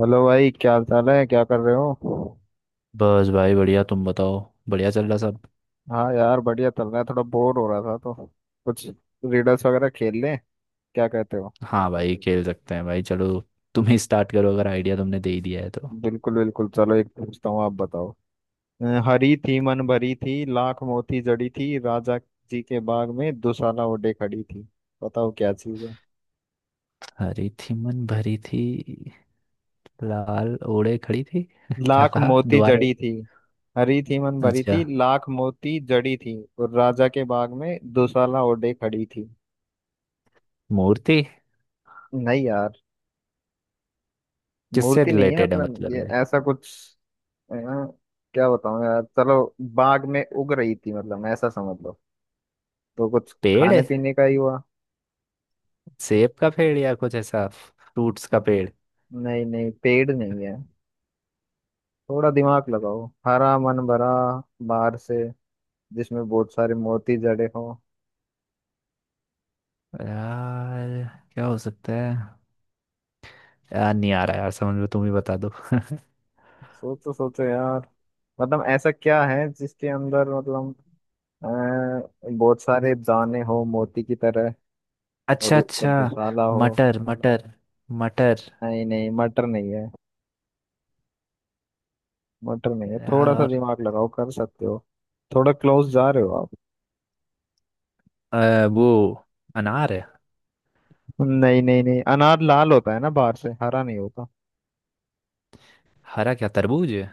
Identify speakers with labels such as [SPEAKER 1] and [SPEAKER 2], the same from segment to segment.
[SPEAKER 1] Hello भाई, क्या हाल चाल है? क्या कर रहे हो?
[SPEAKER 2] बस भाई बढ़िया। तुम बताओ। बढ़िया चल रहा सब।
[SPEAKER 1] हाँ यार, बढ़िया चल रहा है। थोड़ा बोर हो रहा था तो कुछ रीडल्स वगैरह खेल लें, क्या कहते हो?
[SPEAKER 2] हाँ भाई, खेल सकते हैं भाई, चलो। तुम ही स्टार्ट करो, अगर आइडिया तुमने दे ही दिया है तो।
[SPEAKER 1] बिल्कुल बिल्कुल, चलो एक पूछता हूँ, आप बताओ। हरी थी मन भरी थी, लाख मोती जड़ी थी, राजा जी के बाग में दुशाला ओढ़े खड़ी थी। बताओ क्या चीज है।
[SPEAKER 2] हरी थी मन भरी थी लाल ओढ़े खड़ी थी क्या
[SPEAKER 1] लाख
[SPEAKER 2] कहा
[SPEAKER 1] मोती
[SPEAKER 2] दोबारा।
[SPEAKER 1] जड़ी थी। हरी थी मन भरी
[SPEAKER 2] अच्छा।
[SPEAKER 1] थी, लाख मोती जड़ी थी, और राजा के बाग में दुशाला ओढ़े खड़ी थी।
[SPEAKER 2] मूर्ति।
[SPEAKER 1] नहीं यार,
[SPEAKER 2] किससे
[SPEAKER 1] मूर्ति नहीं है।
[SPEAKER 2] रिलेटेड है,
[SPEAKER 1] मतलब
[SPEAKER 2] मतलब
[SPEAKER 1] ये
[SPEAKER 2] है।
[SPEAKER 1] ऐसा कुछ, यार क्या बताऊं यार। चलो, बाग में उग रही थी, मतलब ऐसा समझ लो। तो कुछ
[SPEAKER 2] पेड़
[SPEAKER 1] खाने
[SPEAKER 2] है?
[SPEAKER 1] पीने का ही हुआ।
[SPEAKER 2] सेब का पेड़ या कुछ ऐसा फ्रूट्स का पेड़।
[SPEAKER 1] नहीं नहीं, पेड़ नहीं है। थोड़ा दिमाग लगाओ, हरा मन भरा बाहर से, जिसमें बहुत सारे मोती जड़े हो।
[SPEAKER 2] यार क्या हो सकता है। यार नहीं आ रहा यार समझ में, तुम ही बता दो
[SPEAKER 1] सोचो सोचो यार। मतलब ऐसा क्या है जिसके अंदर, मतलब अ, बहुत सारे दाने हो मोती की तरह, और
[SPEAKER 2] अच्छा
[SPEAKER 1] ऊपर
[SPEAKER 2] अच्छा।
[SPEAKER 1] दुशाला हो।
[SPEAKER 2] मटर मटर मटर।
[SPEAKER 1] नहीं नहीं, मटर नहीं है। मटर नहीं है,
[SPEAKER 2] यार
[SPEAKER 1] थोड़ा सा
[SPEAKER 2] और।
[SPEAKER 1] दिमाग लगाओ, कर सकते हो। थोड़ा क्लोज जा रहे हो आप।
[SPEAKER 2] वो अनार है।
[SPEAKER 1] नहीं नहीं नहीं, अनार लाल होता है ना बाहर से, हरा नहीं होता।
[SPEAKER 2] हरा, क्या तरबूज है।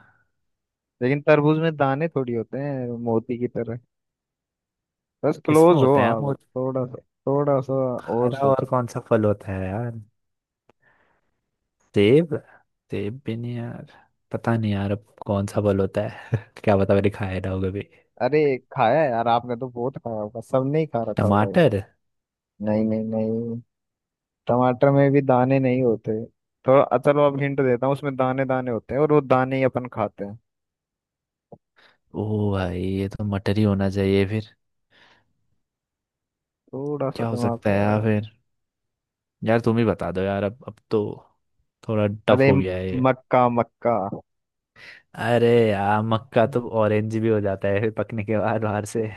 [SPEAKER 1] लेकिन तरबूज में दाने थोड़ी होते हैं मोती की तरह। बस
[SPEAKER 2] किसमें
[SPEAKER 1] क्लोज हो
[SPEAKER 2] होते हैं यार वो।
[SPEAKER 1] आप, थोड़ा सा। थोड़ा सा और
[SPEAKER 2] हरा और
[SPEAKER 1] सोचो।
[SPEAKER 2] कौन सा फल होता है यार। सेब। सेब भी नहीं यार। पता नहीं यार, अब कौन सा फल होता है क्या पता मैंने खाया ना हो कभी।
[SPEAKER 1] अरे खाया है यार, आपने तो बहुत खाया होगा, सबने ही खा रखा होगा ये।
[SPEAKER 2] टमाटर।
[SPEAKER 1] नहीं नहीं नहीं, टमाटर में भी दाने नहीं होते। थोड़ा चलो अब हिंट देता हूँ, उसमें दाने दाने होते हैं और वो दाने ही अपन खाते हैं।
[SPEAKER 2] ओ भाई, ये तो मटर ही होना चाहिए फिर।
[SPEAKER 1] थोड़ा सा
[SPEAKER 2] क्या हो
[SPEAKER 1] दिमाग
[SPEAKER 2] सकता है यार
[SPEAKER 1] लगाओ।
[SPEAKER 2] फिर। यार तुम ही बता दो यार, अब तो थोड़ा टफ
[SPEAKER 1] अरे
[SPEAKER 2] हो गया है ये।
[SPEAKER 1] मक्का मक्का।
[SPEAKER 2] अरे यार, मक्का तो ऑरेंज भी हो जाता है फिर पकने के बाद बाहर से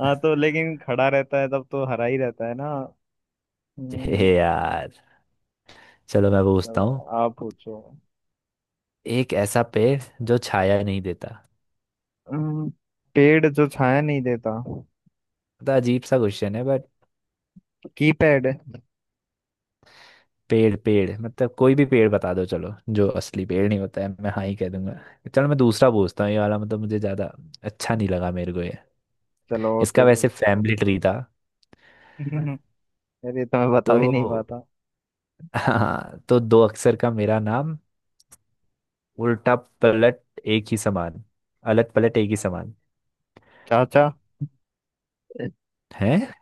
[SPEAKER 1] हाँ तो, लेकिन खड़ा रहता है तब तो हरा ही रहता है ना। हम्म,
[SPEAKER 2] हे यार। चलो मैं पूछता
[SPEAKER 1] चलो,
[SPEAKER 2] हूँ।
[SPEAKER 1] आप पूछो।
[SPEAKER 2] एक ऐसा पेड़ जो छाया नहीं देता।
[SPEAKER 1] हम्म, पेड़ जो छाया नहीं देता।
[SPEAKER 2] मतलब अजीब सा क्वेश्चन है बट।
[SPEAKER 1] कीपैड।
[SPEAKER 2] पेड़ पेड़ मतलब कोई भी पेड़ बता दो चलो, जो असली पेड़ नहीं होता है, मैं हाँ ही कह दूंगा। चलो मैं दूसरा पूछता हूँ, ये वाला मतलब मुझे ज्यादा अच्छा नहीं लगा मेरे को ये।
[SPEAKER 1] चलो और
[SPEAKER 2] इसका
[SPEAKER 1] कोई पूछ।
[SPEAKER 2] वैसे फैमिली ट्री था
[SPEAKER 1] अरे ये तो मैं बता भी नहीं
[SPEAKER 2] तो।
[SPEAKER 1] पाता।
[SPEAKER 2] हाँ तो दो अक्षर का मेरा नाम, उल्टा पलट एक ही समान। अलट पलट एक ही समान
[SPEAKER 1] चाचा।
[SPEAKER 2] है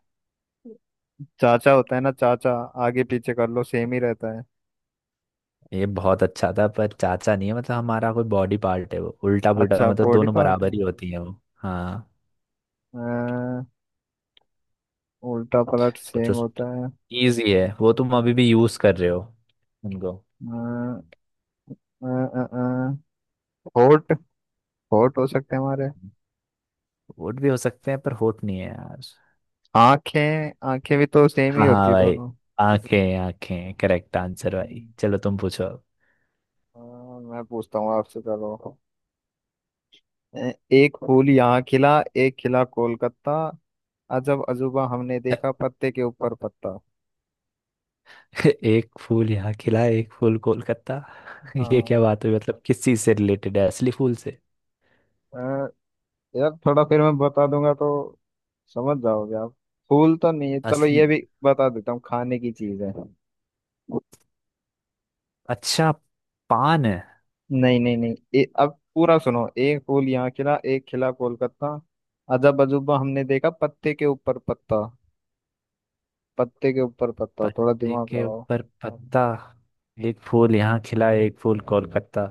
[SPEAKER 1] चाचा होता है ना, चाचा। आगे पीछे कर लो सेम ही रहता है।
[SPEAKER 2] ये। बहुत अच्छा था पर चाचा नहीं है, मतलब हमारा कोई बॉडी पार्ट है वो, उल्टा पुल्टा
[SPEAKER 1] अच्छा,
[SPEAKER 2] मतलब
[SPEAKER 1] बॉडी
[SPEAKER 2] दोनों
[SPEAKER 1] पार्ट है।
[SPEAKER 2] बराबर ही होती है वो। हाँ।
[SPEAKER 1] अ, उल्टा पलट सेम
[SPEAKER 2] सोचो सोचो।
[SPEAKER 1] होता है।
[SPEAKER 2] इजी है वो, तुम अभी भी यूज कर रहे हो उनको।
[SPEAKER 1] अ, अ, अ, अ, होठ। होठ हो सकते हैं हमारे।
[SPEAKER 2] वोट भी हो सकते हैं पर होट नहीं है यार।
[SPEAKER 1] आंखें, आंखें भी तो सेम ही
[SPEAKER 2] हाँ
[SPEAKER 1] होती
[SPEAKER 2] हाँ
[SPEAKER 1] है
[SPEAKER 2] भाई,
[SPEAKER 1] दोनों।
[SPEAKER 2] आंखें। आंखें करेक्ट आंसर भाई,
[SPEAKER 1] हम्म,
[SPEAKER 2] चलो तुम पूछो
[SPEAKER 1] अ, मैं पूछता हूँ आपसे, चलो। ए- एक फूल यहाँ खिला, एक खिला कोलकाता, अजब अजूबा हमने देखा
[SPEAKER 2] अब।
[SPEAKER 1] पत्ते के ऊपर पत्ता।
[SPEAKER 2] एक फूल यहाँ खिला एक फूल कोलकाता ये
[SPEAKER 1] हाँ,
[SPEAKER 2] क्या बात हुई, मतलब किस चीज से रिलेटेड है, असली फूल से?
[SPEAKER 1] अ, यार थोड़ा फिर मैं बता दूंगा तो समझ जाओगे आप। फूल तो नहीं है, चलो
[SPEAKER 2] असली।
[SPEAKER 1] ये भी बता देता हूँ, खाने की चीज है।
[SPEAKER 2] अच्छा। पान है।
[SPEAKER 1] नहीं नहीं नहीं, अब पूरा सुनो। एक फूल यहाँ खिला, एक खिला कोलकाता, अजब अजूबा हमने देखा पत्ते के ऊपर पत्ता। पत्ते के ऊपर पत्ता, थोड़ा
[SPEAKER 2] पत्ते
[SPEAKER 1] दिमाग
[SPEAKER 2] के
[SPEAKER 1] लगाओ।
[SPEAKER 2] ऊपर पत्ता। एक फूल यहाँ खिला एक फूल कोलकाता,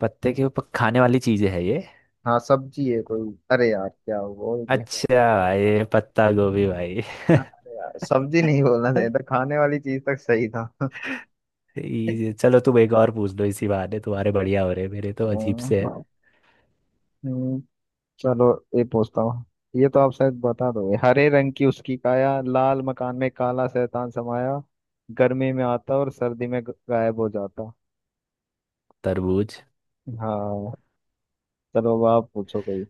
[SPEAKER 2] पत्ते के ऊपर खाने वाली चीज है ये।
[SPEAKER 1] हाँ, सब्जी है कोई। अरे यार क्या हुआ।
[SPEAKER 2] अच्छा भाई, पत्ता गोभी भाई
[SPEAKER 1] अरे यार, सब्जी नहीं बोलना चाहिए था, खाने वाली चीज तक सही था।
[SPEAKER 2] चलो तुम एक और पूछ लो, इसी बहाने तुम्हारे बढ़िया हो रहे, मेरे तो अजीब से है
[SPEAKER 1] अम्म, हम्म, चलो ये पूछता हूँ, ये तो आप शायद बता दोगे। हरे रंग की उसकी काया, लाल मकान में काला शैतान समाया, गर्मी में आता और सर्दी में गायब हो जाता।
[SPEAKER 2] तरबूज।
[SPEAKER 1] हाँ। चलो अब आप पूछो कोई।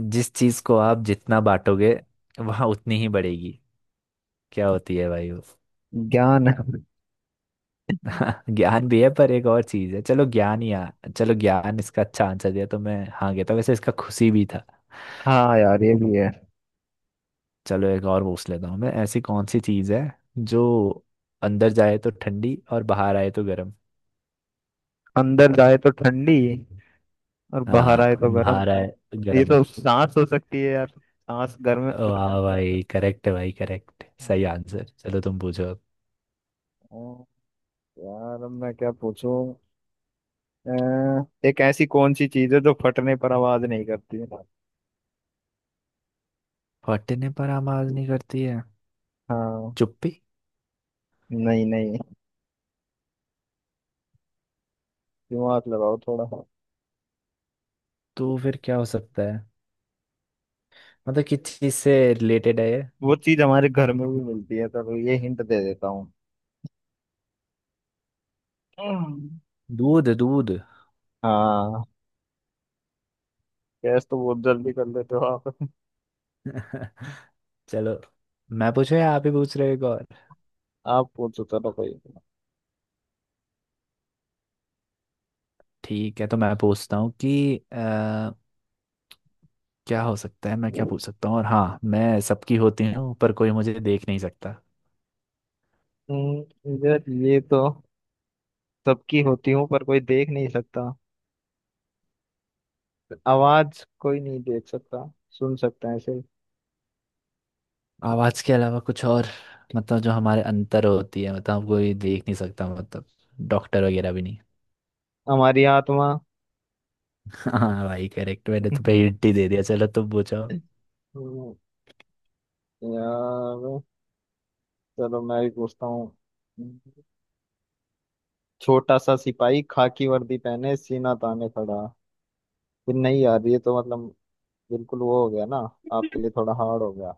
[SPEAKER 2] जिस चीज को आप जितना बांटोगे वहां उतनी ही बढ़ेगी, क्या होती है भाई वो?
[SPEAKER 1] ज्ञान।
[SPEAKER 2] ज्ञान भी है पर एक और चीज है। चलो ज्ञान, इसका अच्छा आंसर दिया, तो मैं हाँ कहता, वैसे इसका खुशी भी था।
[SPEAKER 1] हाँ यार, ये भी है।
[SPEAKER 2] चलो एक और पूछ लेता हूँ मैं। ऐसी कौन सी चीज है जो अंदर जाए तो ठंडी और बाहर आए तो गर्म।
[SPEAKER 1] अंदर जाए तो ठंडी और बाहर
[SPEAKER 2] हाँ,
[SPEAKER 1] आए तो गर्म।
[SPEAKER 2] बाहर आए तो
[SPEAKER 1] ये
[SPEAKER 2] गर्म।
[SPEAKER 1] तो सांस हो सकती है यार, सांस गर्म गर्म।
[SPEAKER 2] वाह भाई करेक्ट है भाई, करेक्ट सही आंसर। चलो तुम पूछो अब।
[SPEAKER 1] ओ, यार अब मैं क्या पूछूं। अ, एक ऐसी कौन सी चीज है जो फटने पर आवाज नहीं करती।
[SPEAKER 2] फटने पर आवाज नहीं करती है।
[SPEAKER 1] हाँ।
[SPEAKER 2] चुप्पी।
[SPEAKER 1] नहीं नहीं, दिमाग लगाओ थोड़ा।
[SPEAKER 2] तो फिर क्या हो सकता है, मतलब किस चीज से रिलेटेड है ये?
[SPEAKER 1] वो चीज हमारे घर में भी मिलती है, तो ये हिंट दे देता हूँ। हम्म,
[SPEAKER 2] दूध दूध
[SPEAKER 1] हाँ, गैस तो बहुत जल्दी कर लेते हो आप।
[SPEAKER 2] चलो मैं पूछूं या आप ही पूछ रहे हो एक और?
[SPEAKER 1] आप पूछो, चलो कोई।
[SPEAKER 2] ठीक है, तो मैं पूछता हूँ कि क्या हो सकता है, मैं क्या पूछ सकता हूँ, और हाँ, मैं सबकी होती हूँ पर कोई मुझे देख नहीं सकता।
[SPEAKER 1] यार ये तो, सबकी होती हूँ पर कोई देख नहीं सकता। आवाज कोई नहीं देख सकता, सुन सकता है सिर्फ।
[SPEAKER 2] आवाज के अलावा कुछ और, मतलब जो हमारे अंतर होती है, मतलब कोई देख नहीं सकता, मतलब डॉक्टर वगैरह भी नहीं।
[SPEAKER 1] हमारी आत्मा।
[SPEAKER 2] हाँ भाई करेक्ट, मैंने तुम्हें हिंट ही दे दिया, चलो तुम पूछो।
[SPEAKER 1] हम्म, यार चलो मैं भी पूछता हूँ। छोटा सा सिपाही खाकी वर्दी पहने सीना ताने खड़ा। फिर नहीं यार, ये तो मतलब बिल्कुल वो हो गया ना, आपके लिए थोड़ा हार्ड हो गया।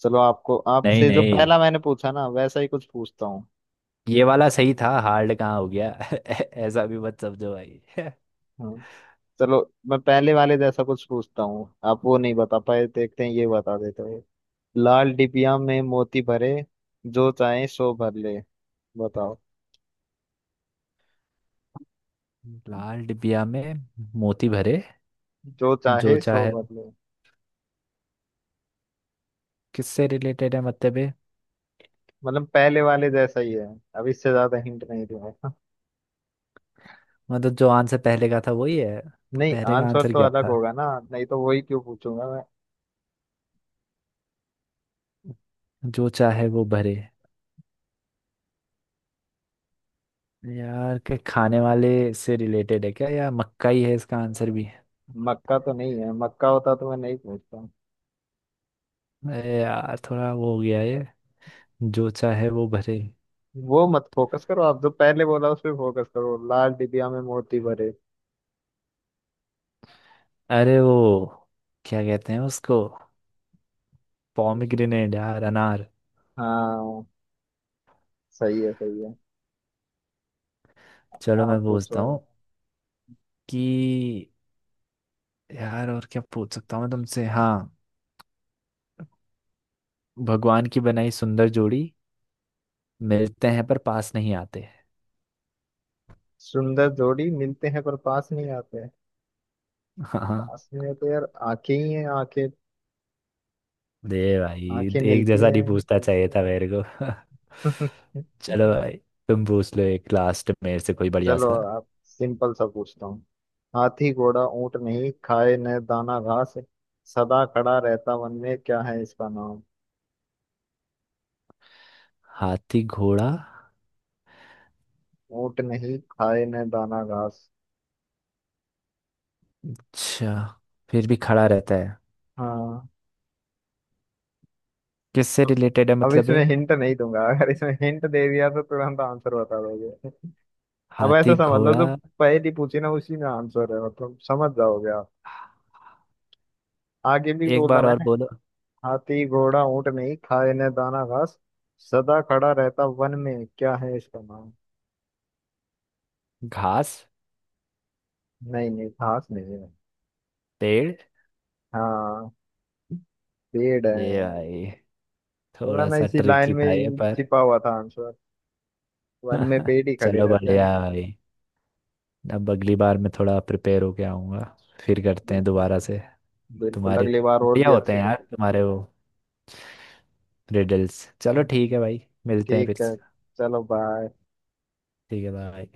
[SPEAKER 1] चलो आपको,
[SPEAKER 2] नहीं
[SPEAKER 1] आपसे जो
[SPEAKER 2] नहीं,
[SPEAKER 1] पहला मैंने पूछा ना, वैसा ही कुछ पूछता हूँ।
[SPEAKER 2] ये वाला सही था, हार्ड कहाँ हो गया ऐसा भी मत समझो भाई
[SPEAKER 1] हाँ। चलो मैं पहले वाले जैसा कुछ पूछता हूँ, आप वो नहीं बता पाए, देखते हैं ये बता देते हो। लाल डिबिया में मोती भरे, जो चाहे सो भर ले। बताओ।
[SPEAKER 2] लाल डिबिया में मोती भरे,
[SPEAKER 1] जो
[SPEAKER 2] जो
[SPEAKER 1] चाहे सो
[SPEAKER 2] चाहे।
[SPEAKER 1] भर ले।
[SPEAKER 2] किससे रिलेटेड है, मतलब ये?
[SPEAKER 1] मतलब पहले वाले जैसा ही है, अब इससे ज्यादा हिंट नहीं दूंगा।
[SPEAKER 2] मतलब जो आंसर पहले का था वही है? तो
[SPEAKER 1] नहीं,
[SPEAKER 2] पहले का
[SPEAKER 1] आंसर
[SPEAKER 2] आंसर
[SPEAKER 1] तो
[SPEAKER 2] क्या
[SPEAKER 1] अलग
[SPEAKER 2] था?
[SPEAKER 1] होगा ना, नहीं तो वही क्यों पूछूंगा मैं।
[SPEAKER 2] जो चाहे वो भरे। यार के खाने वाले से रिलेटेड है क्या, या मक्का ही है इसका आंसर भी?
[SPEAKER 1] मक्का तो नहीं है, मक्का होता तो मैं नहीं पूछता।
[SPEAKER 2] अरे यार थोड़ा वो हो गया ये, जो चाहे वो भरे।
[SPEAKER 1] वो मत फोकस करो आप, जो पहले बोला उस पे फोकस करो, लाल डिबिया में मोती भरे।
[SPEAKER 2] अरे वो, क्या कहते हैं उसको,
[SPEAKER 1] हम्म,
[SPEAKER 2] पॉमिग्रेनेट यार, अनार।
[SPEAKER 1] हाँ, सही है सही है।
[SPEAKER 2] चलो मैं
[SPEAKER 1] आप
[SPEAKER 2] पूछता
[SPEAKER 1] पूछो।
[SPEAKER 2] हूँ कि, यार और क्या पूछ सकता हूँ मैं तुमसे। हाँ, भगवान की बनाई सुंदर जोड़ी, मिलते हैं पर पास नहीं आते।
[SPEAKER 1] सुंदर जोड़ी मिलते हैं पर पास नहीं आते।
[SPEAKER 2] हाँ।
[SPEAKER 1] पास नहीं आते यार, आंखें ही हैं, आंखें।
[SPEAKER 2] दे भाई।
[SPEAKER 1] आंखें
[SPEAKER 2] एक
[SPEAKER 1] मिलती
[SPEAKER 2] जैसा नहीं
[SPEAKER 1] हैं।
[SPEAKER 2] पूछना चाहिए था मेरे को चलो भाई, तुम पूछ लो एक लास्ट मेरे से, कोई बढ़िया
[SPEAKER 1] चलो
[SPEAKER 2] सा।
[SPEAKER 1] आप सिंपल सा पूछता हूँ। हाथी घोड़ा ऊंट नहीं खाए न दाना घास, सदा खड़ा रहता वन में, क्या है इसका नाम।
[SPEAKER 2] हाथी घोड़ा।
[SPEAKER 1] ऊंट नहीं खाए न दाना घास।
[SPEAKER 2] अच्छा, फिर भी खड़ा रहता है।
[SPEAKER 1] हाँ।
[SPEAKER 2] किससे
[SPEAKER 1] तो
[SPEAKER 2] रिलेटेड है,
[SPEAKER 1] अब
[SPEAKER 2] मतलब
[SPEAKER 1] इसमें
[SPEAKER 2] है।
[SPEAKER 1] हिंट नहीं दूंगा, अगर इसमें हिंट दे दिया तो तुरंत आंसर बता दोगे। अब ऐसा
[SPEAKER 2] हाथी
[SPEAKER 1] समझ लो,
[SPEAKER 2] घोड़ा।
[SPEAKER 1] जो पहली पूछी ना उसी में आंसर है, मतलब समझ जाओगे आप। आगे भी
[SPEAKER 2] एक
[SPEAKER 1] बोला
[SPEAKER 2] बार और
[SPEAKER 1] मैंने।
[SPEAKER 2] बोलो।
[SPEAKER 1] हाथी घोड़ा ऊंट नहीं खाए न दाना घास, सदा खड़ा रहता वन में, क्या है इसका नाम।
[SPEAKER 2] घास।
[SPEAKER 1] नहीं नहीं, घास नहीं है।
[SPEAKER 2] पेड़।
[SPEAKER 1] हाँ, पेड़
[SPEAKER 2] ये
[SPEAKER 1] है।
[SPEAKER 2] भाई थोड़ा
[SPEAKER 1] वरना
[SPEAKER 2] सा
[SPEAKER 1] इसी लाइन
[SPEAKER 2] ट्रिकी
[SPEAKER 1] में
[SPEAKER 2] था ये
[SPEAKER 1] ही
[SPEAKER 2] पर
[SPEAKER 1] छिपा हुआ था आंसर, वन में पेड़ ही खड़े
[SPEAKER 2] चलो
[SPEAKER 1] रहते हैं।
[SPEAKER 2] बढ़िया है भाई। अब अगली बार मैं थोड़ा प्रिपेयर होके आऊंगा, फिर करते हैं
[SPEAKER 1] बिल्कुल,
[SPEAKER 2] दोबारा से।
[SPEAKER 1] बिल्कुल
[SPEAKER 2] तुम्हारे
[SPEAKER 1] अगली बार और
[SPEAKER 2] बढ़िया
[SPEAKER 1] भी
[SPEAKER 2] होते
[SPEAKER 1] अच्छे
[SPEAKER 2] हैं यार
[SPEAKER 1] लेते हैं।
[SPEAKER 2] तुम्हारे वो रिडल्स। चलो
[SPEAKER 1] हम्म,
[SPEAKER 2] ठीक है भाई, मिलते हैं फिर।
[SPEAKER 1] ठीक है, चलो बाय।
[SPEAKER 2] ठीक है, बाय।